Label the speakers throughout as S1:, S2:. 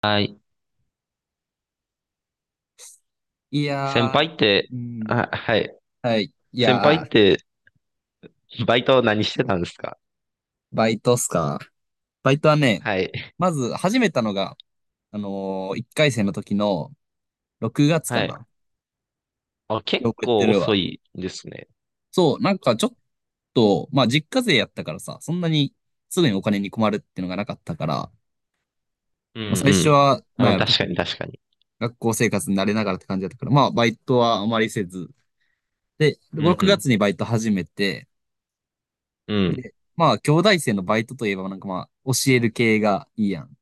S1: はい。
S2: い
S1: 先
S2: やー、
S1: 輩って、
S2: うん、
S1: あ、はい。
S2: はい。い
S1: 先輩っ
S2: やー、
S1: て、バイト何してたんですか？
S2: バイトっすか。バイトはね、
S1: はい。
S2: まず始めたのが、1回生の時の6月か
S1: はい。
S2: な。
S1: あ、結
S2: よくやって
S1: 構
S2: る
S1: 遅
S2: わ。
S1: いですね。
S2: そう、なんかちょっと、まあ実家勢やったからさ、そんなにすぐにお金に困るっていうのがなかったから、
S1: うんう
S2: まあ最初
S1: ん。
S2: は、なん
S1: あ、
S2: やろ、
S1: 確か
S2: 特
S1: に
S2: に
S1: 確かに。
S2: 学校生活に慣れながらって感じだったから、まあバイトはあまりせず。で、
S1: う
S2: 6月
S1: ん
S2: にバイト始めて、
S1: うん。うん。
S2: で、まあ兄弟生のバイトといえばなんかまあ教える系がいいやん。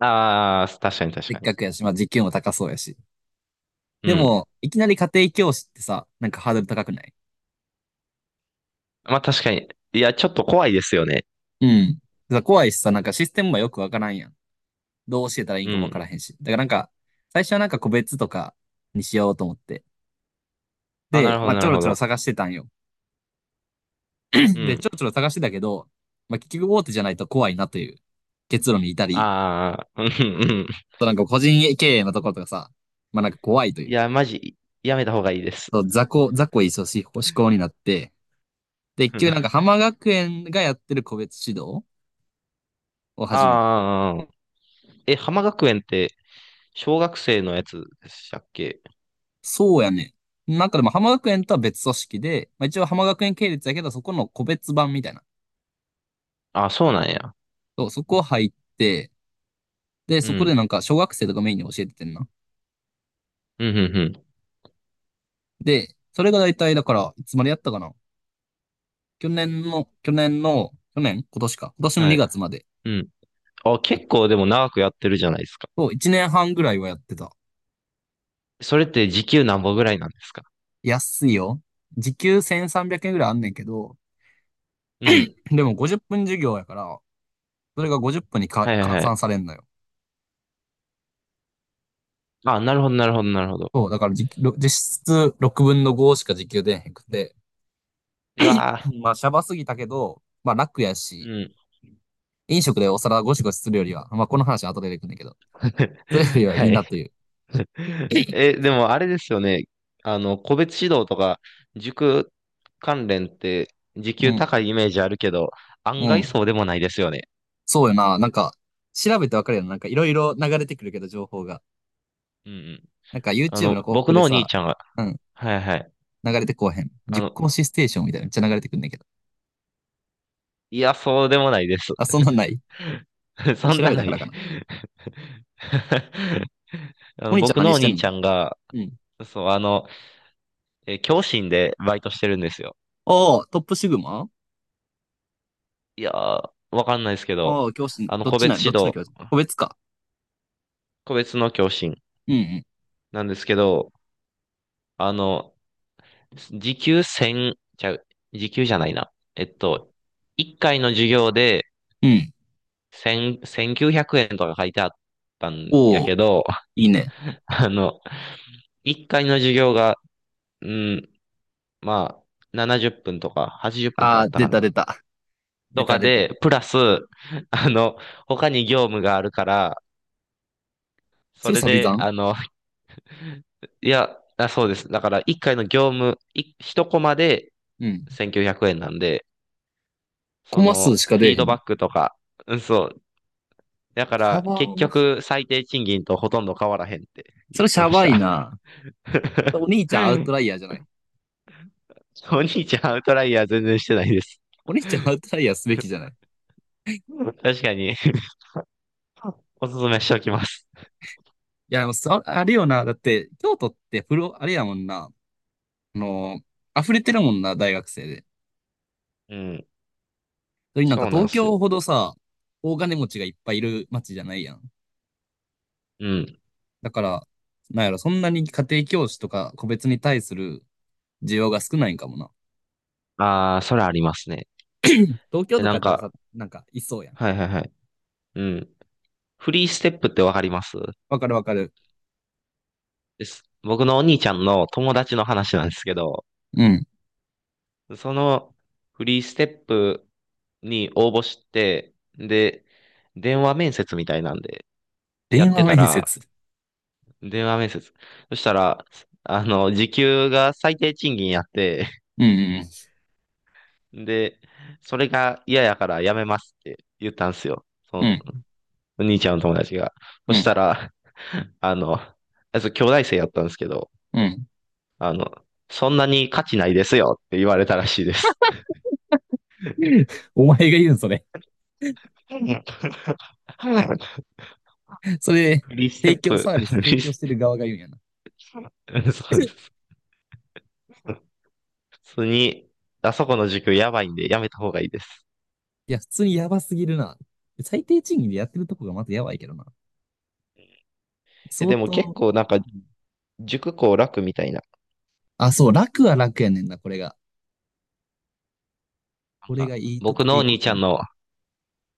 S1: ああ、確かに確
S2: せっ
S1: かに。
S2: かくやし、まあ時給も高そうやし。
S1: う
S2: で
S1: ん。
S2: も、いきなり家庭教師ってさ、なんかハードル高くない？
S1: まあ確かに。いや、ちょっと怖いですよね。
S2: うん。怖いしさ、なんかシステムもよくわからんやん。どう教えたらいい
S1: う
S2: んかもわか
S1: ん。
S2: らへんし。だからなんか、最初はなんか個別とかにしようと思って。
S1: あ、な
S2: で、
S1: るほど
S2: まあ
S1: な
S2: ちょ
S1: る
S2: ろ
S1: ほ
S2: ちょろ
S1: ど。
S2: 探してたんよ。
S1: う
S2: で、ちょ
S1: ん。
S2: ろちょろ探してたけど、まあ結局大手じゃないと怖いなという結論に至り、
S1: ああ、うんうん。
S2: そうなんか個人経営のところとかさ、まあなんか怖いと
S1: い
S2: いう、
S1: や、マジ、やめた方がいいです。
S2: そう雑魚い組織思考になって、で、結局なんか 浜学園がやってる個別指導を始めて、
S1: ああー、え、浜学園って、小学生のやつでしたっけ？
S2: そうやね。なんかでも浜学園とは別組織で、まあ、一応浜学園系列やけど、そこの個別版みたいな。
S1: あ、そうなんや。
S2: そう、そこ入って、で、
S1: う
S2: そこで
S1: ん
S2: なんか小学生とかメインに教えててんな。
S1: うん、うん、うん。
S2: で、それが大体だから、いつまでやったかな。去年今年か。今年の
S1: はい。
S2: 2月まで。
S1: うん。あ、結構でも長くやってるじゃないですか。
S2: そう、1年半ぐらいはやってた。
S1: それって時給何んぼぐらいなんですか？
S2: 安いよ。時給1300円ぐらいあんねんけど、
S1: うん。
S2: でも50分授業やから、それが50分にか
S1: はいはい
S2: 換
S1: は
S2: 算
S1: い。
S2: されんのよ。
S1: あ、なるほど、なるほど、なるほど。
S2: そう、だから時給ろ実質6分の5しか時給出へんくて、
S1: うわ
S2: まあ、シャバすぎたけど、まあ、楽や
S1: ー
S2: し、
S1: うん。
S2: 飲食でお皿ゴシゴシするよりは、まあ、この話は後で出てくるんだけど、それよ りはい
S1: は
S2: いな
S1: い。
S2: という。
S1: え、でもあれですよね。あの、個別指導とか、塾関連って、時
S2: う
S1: 給
S2: ん、
S1: 高いイメージあるけど、
S2: う
S1: 案外
S2: ん。
S1: そうでもないですよね。
S2: そうよな。なんか、調べてわかるよな。なんか、いろいろ流れてくるけど、情報が。
S1: うんうん。
S2: なんか、
S1: あ
S2: YouTube
S1: の、
S2: の広
S1: 僕
S2: 告で
S1: のお兄
S2: さ、
S1: ちゃんは
S2: うん、
S1: はいはい。
S2: 流れてこうへん。
S1: あ
S2: 塾
S1: の、
S2: 講師ステーションみたいなめっちゃ流れてくるんだけど。
S1: いや、そうでもないです。
S2: あ、そんなんない？
S1: そん
S2: 調
S1: な
S2: べた
S1: の
S2: か
S1: い
S2: らかな。
S1: あ
S2: お
S1: の、
S2: 兄ちゃん
S1: 僕の
S2: 何
S1: お
S2: して
S1: 兄
S2: んの？
S1: ちゃんが、
S2: うん。
S1: そう、あの、教師でバイトしてるんですよ。
S2: ああ、トップシグマ。
S1: いやー、わかんないですけど、
S2: ああ、教師、
S1: あの、個別
S2: どっ
S1: 指
S2: ちの
S1: 導、
S2: 教師、個別か？
S1: 個別の教師
S2: うん
S1: なんですけど、あの、時給1000、ちゃう、時給じゃないな。1回の授業で
S2: うん。うん。
S1: 1000、9 0 0円とか書いてあったんや
S2: おお、
S1: けど、
S2: いいね。
S1: あの、1回の授業が、うん、まあ、70分とか80分とか
S2: あ
S1: や
S2: あ、
S1: った
S2: 出
S1: かな。
S2: た出た。出
S1: と
S2: た
S1: か
S2: 出た。
S1: で、プラス、あの、他に業務があるから、そ
S2: それ
S1: れ
S2: サビ
S1: で、
S2: 残？
S1: あの、いや、あ、そうです。だから、1回の業務、い1コマで
S2: うん。
S1: 1900円なんで、
S2: コ
S1: そ
S2: マ数
S1: の、
S2: しか
S1: フ
S2: 出
S1: ィ
S2: え
S1: ー
S2: へ
S1: ド
S2: んの？
S1: バックとか、うん、そう。だか
S2: シャ
S1: ら、
S2: バ
S1: 結
S2: ーな。
S1: 局、最低賃金とほとんど変わらへんって
S2: そ
S1: 言
S2: れ
S1: っ
S2: シ
S1: て
S2: ャ
S1: まし
S2: バい
S1: た。
S2: な。お 兄ちゃんアウトライヤーじゃない？
S1: お兄ちゃん、アウトライヤー全然してないです。
S2: お兄ちゃんアウトライヤーすべきじゃない？い
S1: 確かに、おすすめしておきます。
S2: や、あれよな。だって、京都ってあれやもんな。あの溢れてるもんな、大学生で。
S1: うん、
S2: それになんか
S1: そうなんで
S2: 東
S1: す
S2: 京ほ
S1: よ。
S2: どさ、大金持ちがいっぱいいる街じゃないやん。
S1: うん。
S2: だから、なんやろ、そんなに家庭教師とか個別に対する需要が少ないんかもな。
S1: ああ、それありますね。
S2: 東京
S1: え、
S2: と
S1: な
S2: かや
S1: ん
S2: ったらさ、
S1: か、
S2: なんかいそうやん。
S1: はいはいはい。うん。フリーステップってわかります？
S2: わかるわかる。
S1: です。僕のお兄ちゃんの友達の話なんですけど、
S2: うん。
S1: そのフリーステップに応募して、で、電話面接みたいなんでや
S2: 電
S1: って
S2: 話
S1: た
S2: 面接。
S1: ら、電話面接。そしたら、あの、時給が最低賃金やって、
S2: うんうんうん。
S1: で、それが嫌やからやめますって言ったんですよ。そ
S2: う
S1: の
S2: ん、
S1: お兄ちゃんの友達が。そ
S2: う
S1: し
S2: ん、
S1: たら、あの、あいつ兄弟生やったんですけど、
S2: うん。
S1: あの、そんなに価値ないですよって言われたらしいです。
S2: お前が言うん、それ。それ、
S1: フリーステップ、
S2: サービス
S1: フリ
S2: 提
S1: ー
S2: 供
S1: ス
S2: してる
S1: テ
S2: 側が言うんやな。
S1: ップ、そうで す。普通に、あそこの塾やばいんでやめた方がいいです。
S2: いや、普通にやばすぎるな。最低賃金でやってるとこがまずやばいけどな。
S1: え、
S2: 相
S1: でも
S2: 当、
S1: 結構なんか
S2: うん、
S1: 塾校楽みたいな。
S2: あ、そう、楽は楽やねんな、これが。
S1: なんか僕の
S2: い
S1: お
S2: い
S1: 兄
S2: こと
S1: ちゃん
S2: に。
S1: の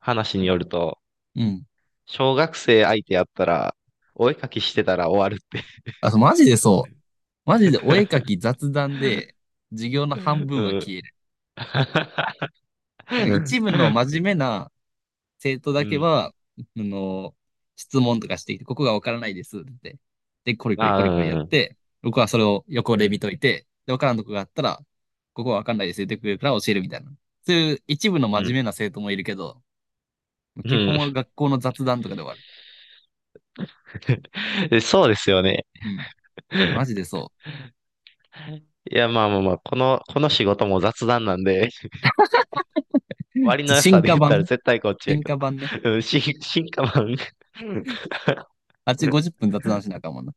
S1: 話によると、
S2: うん。
S1: 小学生相手やったら、お絵かきしてたら終わるって。
S2: あ、そうマジでそう。マジでお絵かき雑談で、授業 の半
S1: う
S2: 分は
S1: ん。
S2: 消える。なんか 一部
S1: う
S2: の真面目な生徒だけ
S1: ん。
S2: は、あの、質問とかしてきて、ここがわからないですって言って。で、コリ
S1: あ
S2: コ リコ
S1: あ、
S2: リコリやっ
S1: うん。
S2: て、僕はそれを横
S1: う
S2: で見
S1: ん。
S2: といて、で、わからんとこがあったら、ここはわかんないですって言ってくれるから教えるみたいな。そういう一部の
S1: う
S2: 真面
S1: ん。
S2: 目な生徒もいるけど、
S1: う
S2: 基本
S1: ん
S2: は学校の雑談とかで終わる。
S1: そうですよね。
S2: うん。マジでそ
S1: いや、まあまあまあ、この、この仕事も雑談なんで、割
S2: う。
S1: の良さで言ったら絶対こっちや
S2: 進
S1: けど。
S2: 化版ね。
S1: うん、進化版。
S2: あっち
S1: うん
S2: 50分雑談しなあかんもんな。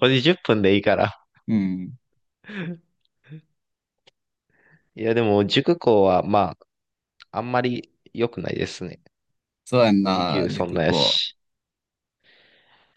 S1: これ10分でいいから。
S2: うん。
S1: いや、でも、塾講は、まあ、あんまり良くないですね。
S2: そうやん
S1: 時
S2: な、
S1: 給そん
S2: 塾
S1: なや
S2: 校。
S1: し。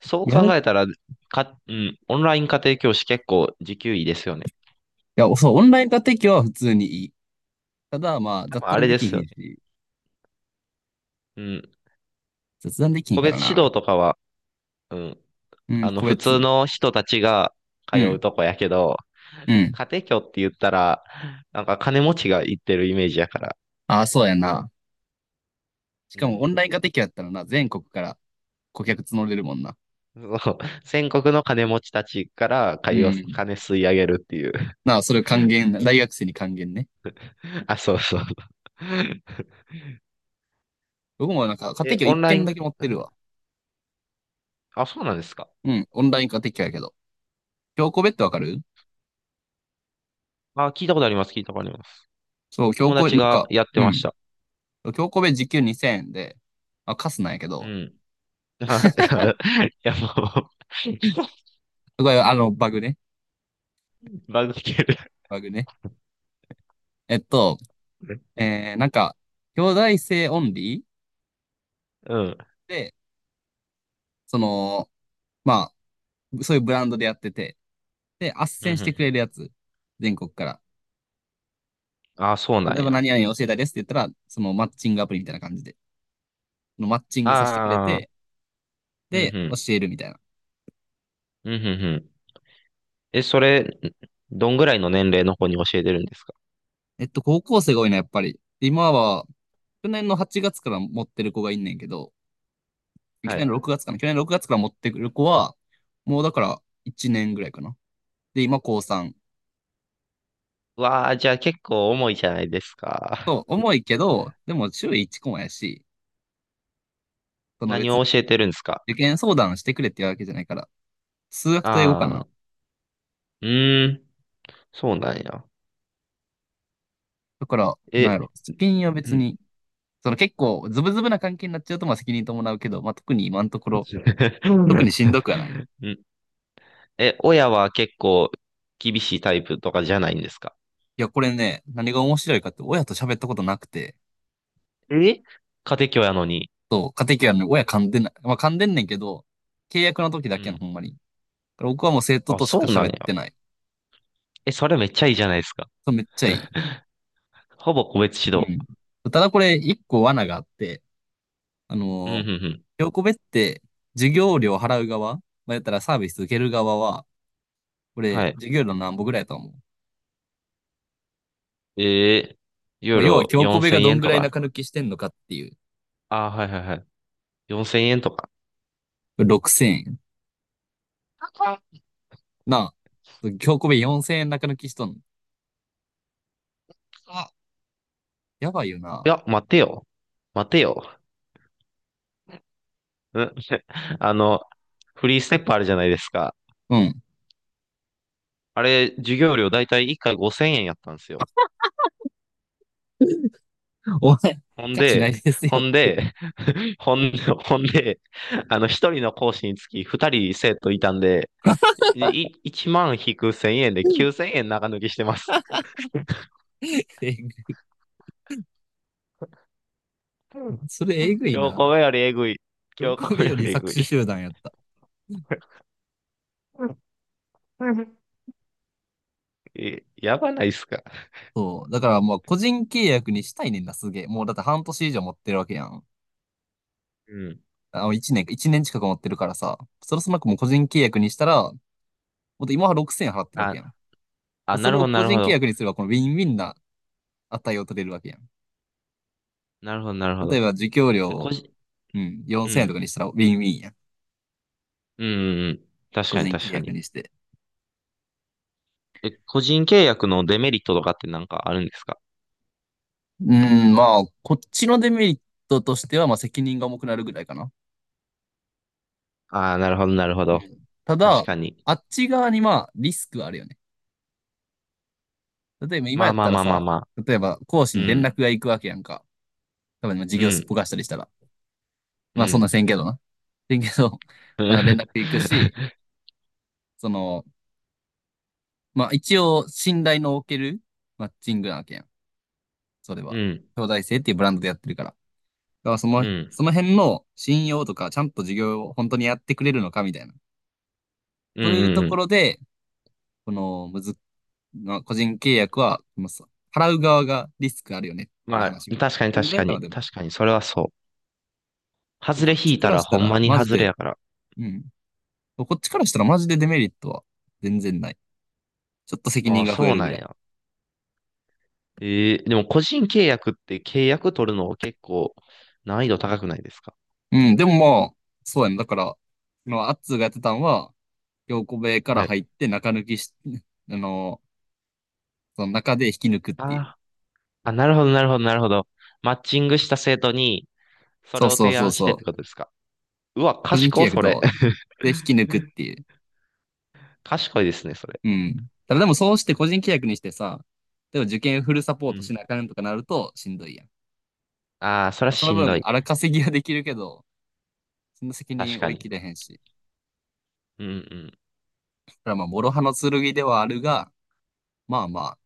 S1: そう
S2: やる
S1: 考えた
S2: い
S1: ら、か、うん、オンライン家庭教師結構時給いいですよね。
S2: や、そう、オンライン化適用は普通にいい。ただ、まあ、
S1: 多
S2: 雑
S1: 分あ
S2: 談
S1: れ
S2: で
S1: で
S2: き
S1: す
S2: ひ
S1: よ
S2: ん
S1: ね。
S2: し。
S1: うん、
S2: 雑談できへん
S1: 個
S2: から
S1: 別指
S2: な。
S1: 導とかは、うん、
S2: うん、
S1: あの、
S2: 個
S1: 普通
S2: 別。
S1: の人たちが通
S2: う
S1: う
S2: ん、
S1: とこやけど、
S2: うん。
S1: 家庭教って言ったら、なんか金持ちが行ってるイメージやから。
S2: ああ、そうやな。し
S1: う
S2: かもオ
S1: ん。
S2: ンライン化できやったらな、全国から顧客募れるもんな。
S1: そう、全国の金持ちたちから
S2: う
S1: 金を、
S2: ん。
S1: 金吸い上げるっていう。
S2: なあ、それ還元、大学生に還元ね。
S1: あ、そうそう。
S2: 僕もなんか、家庭
S1: え、
S2: 教
S1: オ
S2: 一
S1: ンライ
S2: 件だ
S1: ン、
S2: け持ってるわ。
S1: あ、そうなんですか。
S2: うん、オンライン家庭教やけど。教個別ってわかる？
S1: あ、聞いたことあります、聞いたことあります。
S2: そう、
S1: 友
S2: な
S1: 達
S2: ん
S1: が
S2: か、
S1: やって
S2: う
S1: まし
S2: ん。
S1: た。
S2: 教個別時給2000円で、あ、カスなんやけ
S1: う
S2: ど。
S1: ん。あ、いや、いやもう
S2: すごい、バグね。
S1: バグってる。
S2: バグね。えっと、
S1: う
S2: なんか、兄弟生オンリー
S1: ん。うん、
S2: で、その、まあ、そういうブランドでやってて、で、斡
S1: う
S2: 旋してくれ
S1: ん、
S2: るやつ。全国から。
S1: うん。あ、そうな
S2: 例え
S1: ん
S2: ば
S1: や。
S2: 何々教えたいですって言ったら、そのマッチングアプリみたいな感じで、のマッチングさせてくれ
S1: ああ、
S2: て、
S1: うん、う
S2: で、教
S1: ん。
S2: えるみたいな。
S1: うん、うん、うん。え、それ、どんぐらいの年齢の子に教えてるんですか？
S2: 高校生が多いな、やっぱり。今は、去年の8月から持ってる子がいんねんけど、去
S1: は
S2: 年
S1: い。
S2: の6月かな。去年の6月から持ってくる子は、もうだから1年ぐらいかな。で、今高3。
S1: わあ、じゃあ結構重いじゃないですか。
S2: そう、重いけど、でも週1コマやし、そ の
S1: 何
S2: 別に
S1: を教えてるんですか？
S2: 受験相談してくれって言うわけじゃないから、数学と英語か
S1: ああ、
S2: な。
S1: うーん、そうなんや。
S2: だから、なんや
S1: え、
S2: ろ、試験は
S1: う
S2: 別
S1: ん。
S2: にその結構ズブズブな関係になっちゃうとまあ責任伴うけど、まあ特に今のところ、特 にしんどくはない。い
S1: うんえ、親は結構厳しいタイプとかじゃないんですか？
S2: や、これね、何が面白いかって親と喋ったことなくて、
S1: え家庭教やのに。
S2: そう、家庭教育の親噛んでない。まあ噛んでんねんけど、契約の時
S1: う
S2: だけの
S1: ん。
S2: ほんまに。僕はもう生徒
S1: あ、
S2: とし
S1: そ
S2: か
S1: うなん
S2: 喋っ
S1: や。
S2: てない。
S1: え、それめっちゃいいじゃないですか。
S2: そう、めっちゃいい。
S1: ほぼ個別指
S2: う
S1: 導。
S2: ん。ただこれ一個罠があって、あ
S1: うん、うん、
S2: の
S1: うん。
S2: ひこって授業料払う側、まあ、やったらサービス受ける側は、これ
S1: はい。
S2: 授業料何歩ぐらいだと思う？
S1: えー、ユ
S2: ま
S1: ー
S2: あ、要は
S1: ロ
S2: 京子部
S1: 4000
S2: がどん
S1: 円
S2: ぐ
S1: と
S2: らい
S1: か
S2: 中抜きしてんのかっていう。
S1: ああ、はいはいはい。4000円とか。
S2: 6000円。
S1: あ
S2: なあ、今日米4000円中抜きしとんの。
S1: あ
S2: やばいよ
S1: い
S2: な。
S1: や、待てよ。待てよ。うんあの、フリーステップあるじゃないですか。
S2: うん。
S1: あれ、授業料だいたい1回5000円やったんですよ。
S2: お前、
S1: ほん
S2: 価値ない
S1: で、
S2: ですよ
S1: ほ
S2: っ
S1: ん
S2: て言っ
S1: で、ほんで、ほんで、あの、一人の講師につき二人生徒いたんで、い、1万引く1000円で9000円長抜きしてます。
S2: て。
S1: う ん
S2: それえぐい
S1: 今日
S2: な。
S1: これよりえぐい。
S2: 今
S1: 今日
S2: 日
S1: こ
S2: 米
S1: れ
S2: よ
S1: よ
S2: り
S1: りえ
S2: 搾
S1: ぐい。
S2: 取集団やった。
S1: うんえやばないっすか。
S2: そう。だからもう個人契約にしたいねんな、すげえ。もうだって半年以上持ってるわけやん。
S1: うん。
S2: 1年か、年近く持ってるからさ。そろそろもう個人契約にしたら、もっと今は6000円払ってるわ
S1: あ、
S2: けやん。
S1: あ、
S2: そ
S1: なる
S2: れ
S1: ほ
S2: を
S1: ど、な
S2: 個
S1: る
S2: 人
S1: ほ
S2: 契
S1: ど。
S2: 約にすれば、このウィンウィンな値を取れるわけやん。
S1: なるほど、なるほ
S2: 例え
S1: ど。
S2: ば、受給
S1: え、個
S2: 料、
S1: 人、
S2: うん、
S1: う
S2: 4000円とか
S1: ん、
S2: にしたらウィンウィンやん。
S1: うん、うんうん。確
S2: 個
S1: かに、
S2: 人契
S1: 確か
S2: 約
S1: に。
S2: にして。
S1: え、個人契約のデメリットとかってなんかあるんですか？
S2: うん、まあ、こっちのデメリットとしては、まあ、責任が重くなるぐらいかな。
S1: ああー、なるほど、なるほ
S2: う
S1: ど。
S2: ん。た
S1: 確
S2: だ、
S1: かに。
S2: あっち側にまあ、リスクはあるよね。例えば、今
S1: ま
S2: や
S1: あ
S2: っ
S1: まあ
S2: たら
S1: まあまあ
S2: さ、
S1: まあ。
S2: 例えば、講師
S1: う
S2: に連
S1: ん、
S2: 絡が行くわけやんか。多分、授
S1: う
S2: 業すっ
S1: ん、
S2: ぽかしたりしたら。
S1: う
S2: まあ、そんな
S1: ん。
S2: せんけどな。せんけど、まあ、連絡行くし、その、まあ、一応、信頼のおけるマッチングなわけやん。それ
S1: う
S2: は。
S1: ん、
S2: 兄弟生っていうブランドでやってるから。だから、
S1: うん、う
S2: その辺の信用とか、ちゃんと授業を本当にやってくれるのかみたいな。
S1: ん、う
S2: そういう
S1: ん
S2: と
S1: う
S2: こ
S1: ん。
S2: ろで、このむず、まあ、個人契約は、まあさ払う側がリスクあるよねっていう
S1: まあ、
S2: 話。
S1: 確かに、
S2: こんぐ
S1: 確
S2: らい
S1: か
S2: か
S1: に。
S2: な、でも。
S1: 確かに、それはそう。
S2: で
S1: 外れ
S2: こっち
S1: 引い
S2: か
S1: た
S2: ら
S1: ら
S2: し
S1: ほ
S2: た
S1: ん
S2: ら、
S1: まに
S2: マジ
S1: 外れ
S2: で、
S1: やから。
S2: うん。こっちからしたらマジでデメリットは全然ない。ちょっと責
S1: あ
S2: 任
S1: あ、
S2: が増え
S1: そう
S2: る
S1: な
S2: ぐ
S1: ん
S2: らい。
S1: や。えー、でも個人契約って契約取るの結構難易度高くないですか？
S2: うん、でもまあ、そうやん、だから、まあ、アッツーがやってたんは、京子部屋から
S1: はい。
S2: 入って中抜きし、あの、その中で引き抜くっていう。
S1: ああ、あ、なるほど、なるほど、なるほど。マッチングした生徒に、そ
S2: そ
S1: れ
S2: う
S1: を
S2: そう
S1: 提
S2: そう
S1: 案してっ
S2: そ
S1: てこ
S2: う。
S1: とですか。うわ、
S2: 個人契
S1: 賢い、
S2: 約
S1: それ。
S2: と、で引き抜 くっていう。
S1: 賢いですね、それ。
S2: うん。ただでもそうして個人契約にしてさ、でも受験フルサポ
S1: う
S2: ートし
S1: ん。
S2: なあかんとかなるとしんどいやん。
S1: ああ、それは
S2: まあその
S1: しん
S2: 分、
S1: どい。
S2: 荒稼ぎはできるけど、その責
S1: 確
S2: 任
S1: か
S2: 追い切
S1: に。
S2: れへんし。
S1: うん
S2: だからまあ、諸刃の剣ではあるが、まあまあ、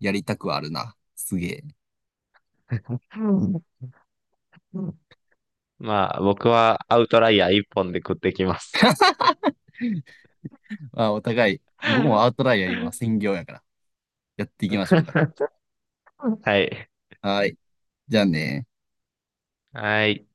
S2: やりたくはあるな。すげえ。
S1: うん。うんうんまあ、僕はアウトライヤー一本で食ってきます。
S2: まあ、お互い、僕もアウトライヤー今、専業やから、やっていきましょうか。
S1: はい。
S2: はい。じゃあね。
S1: はい。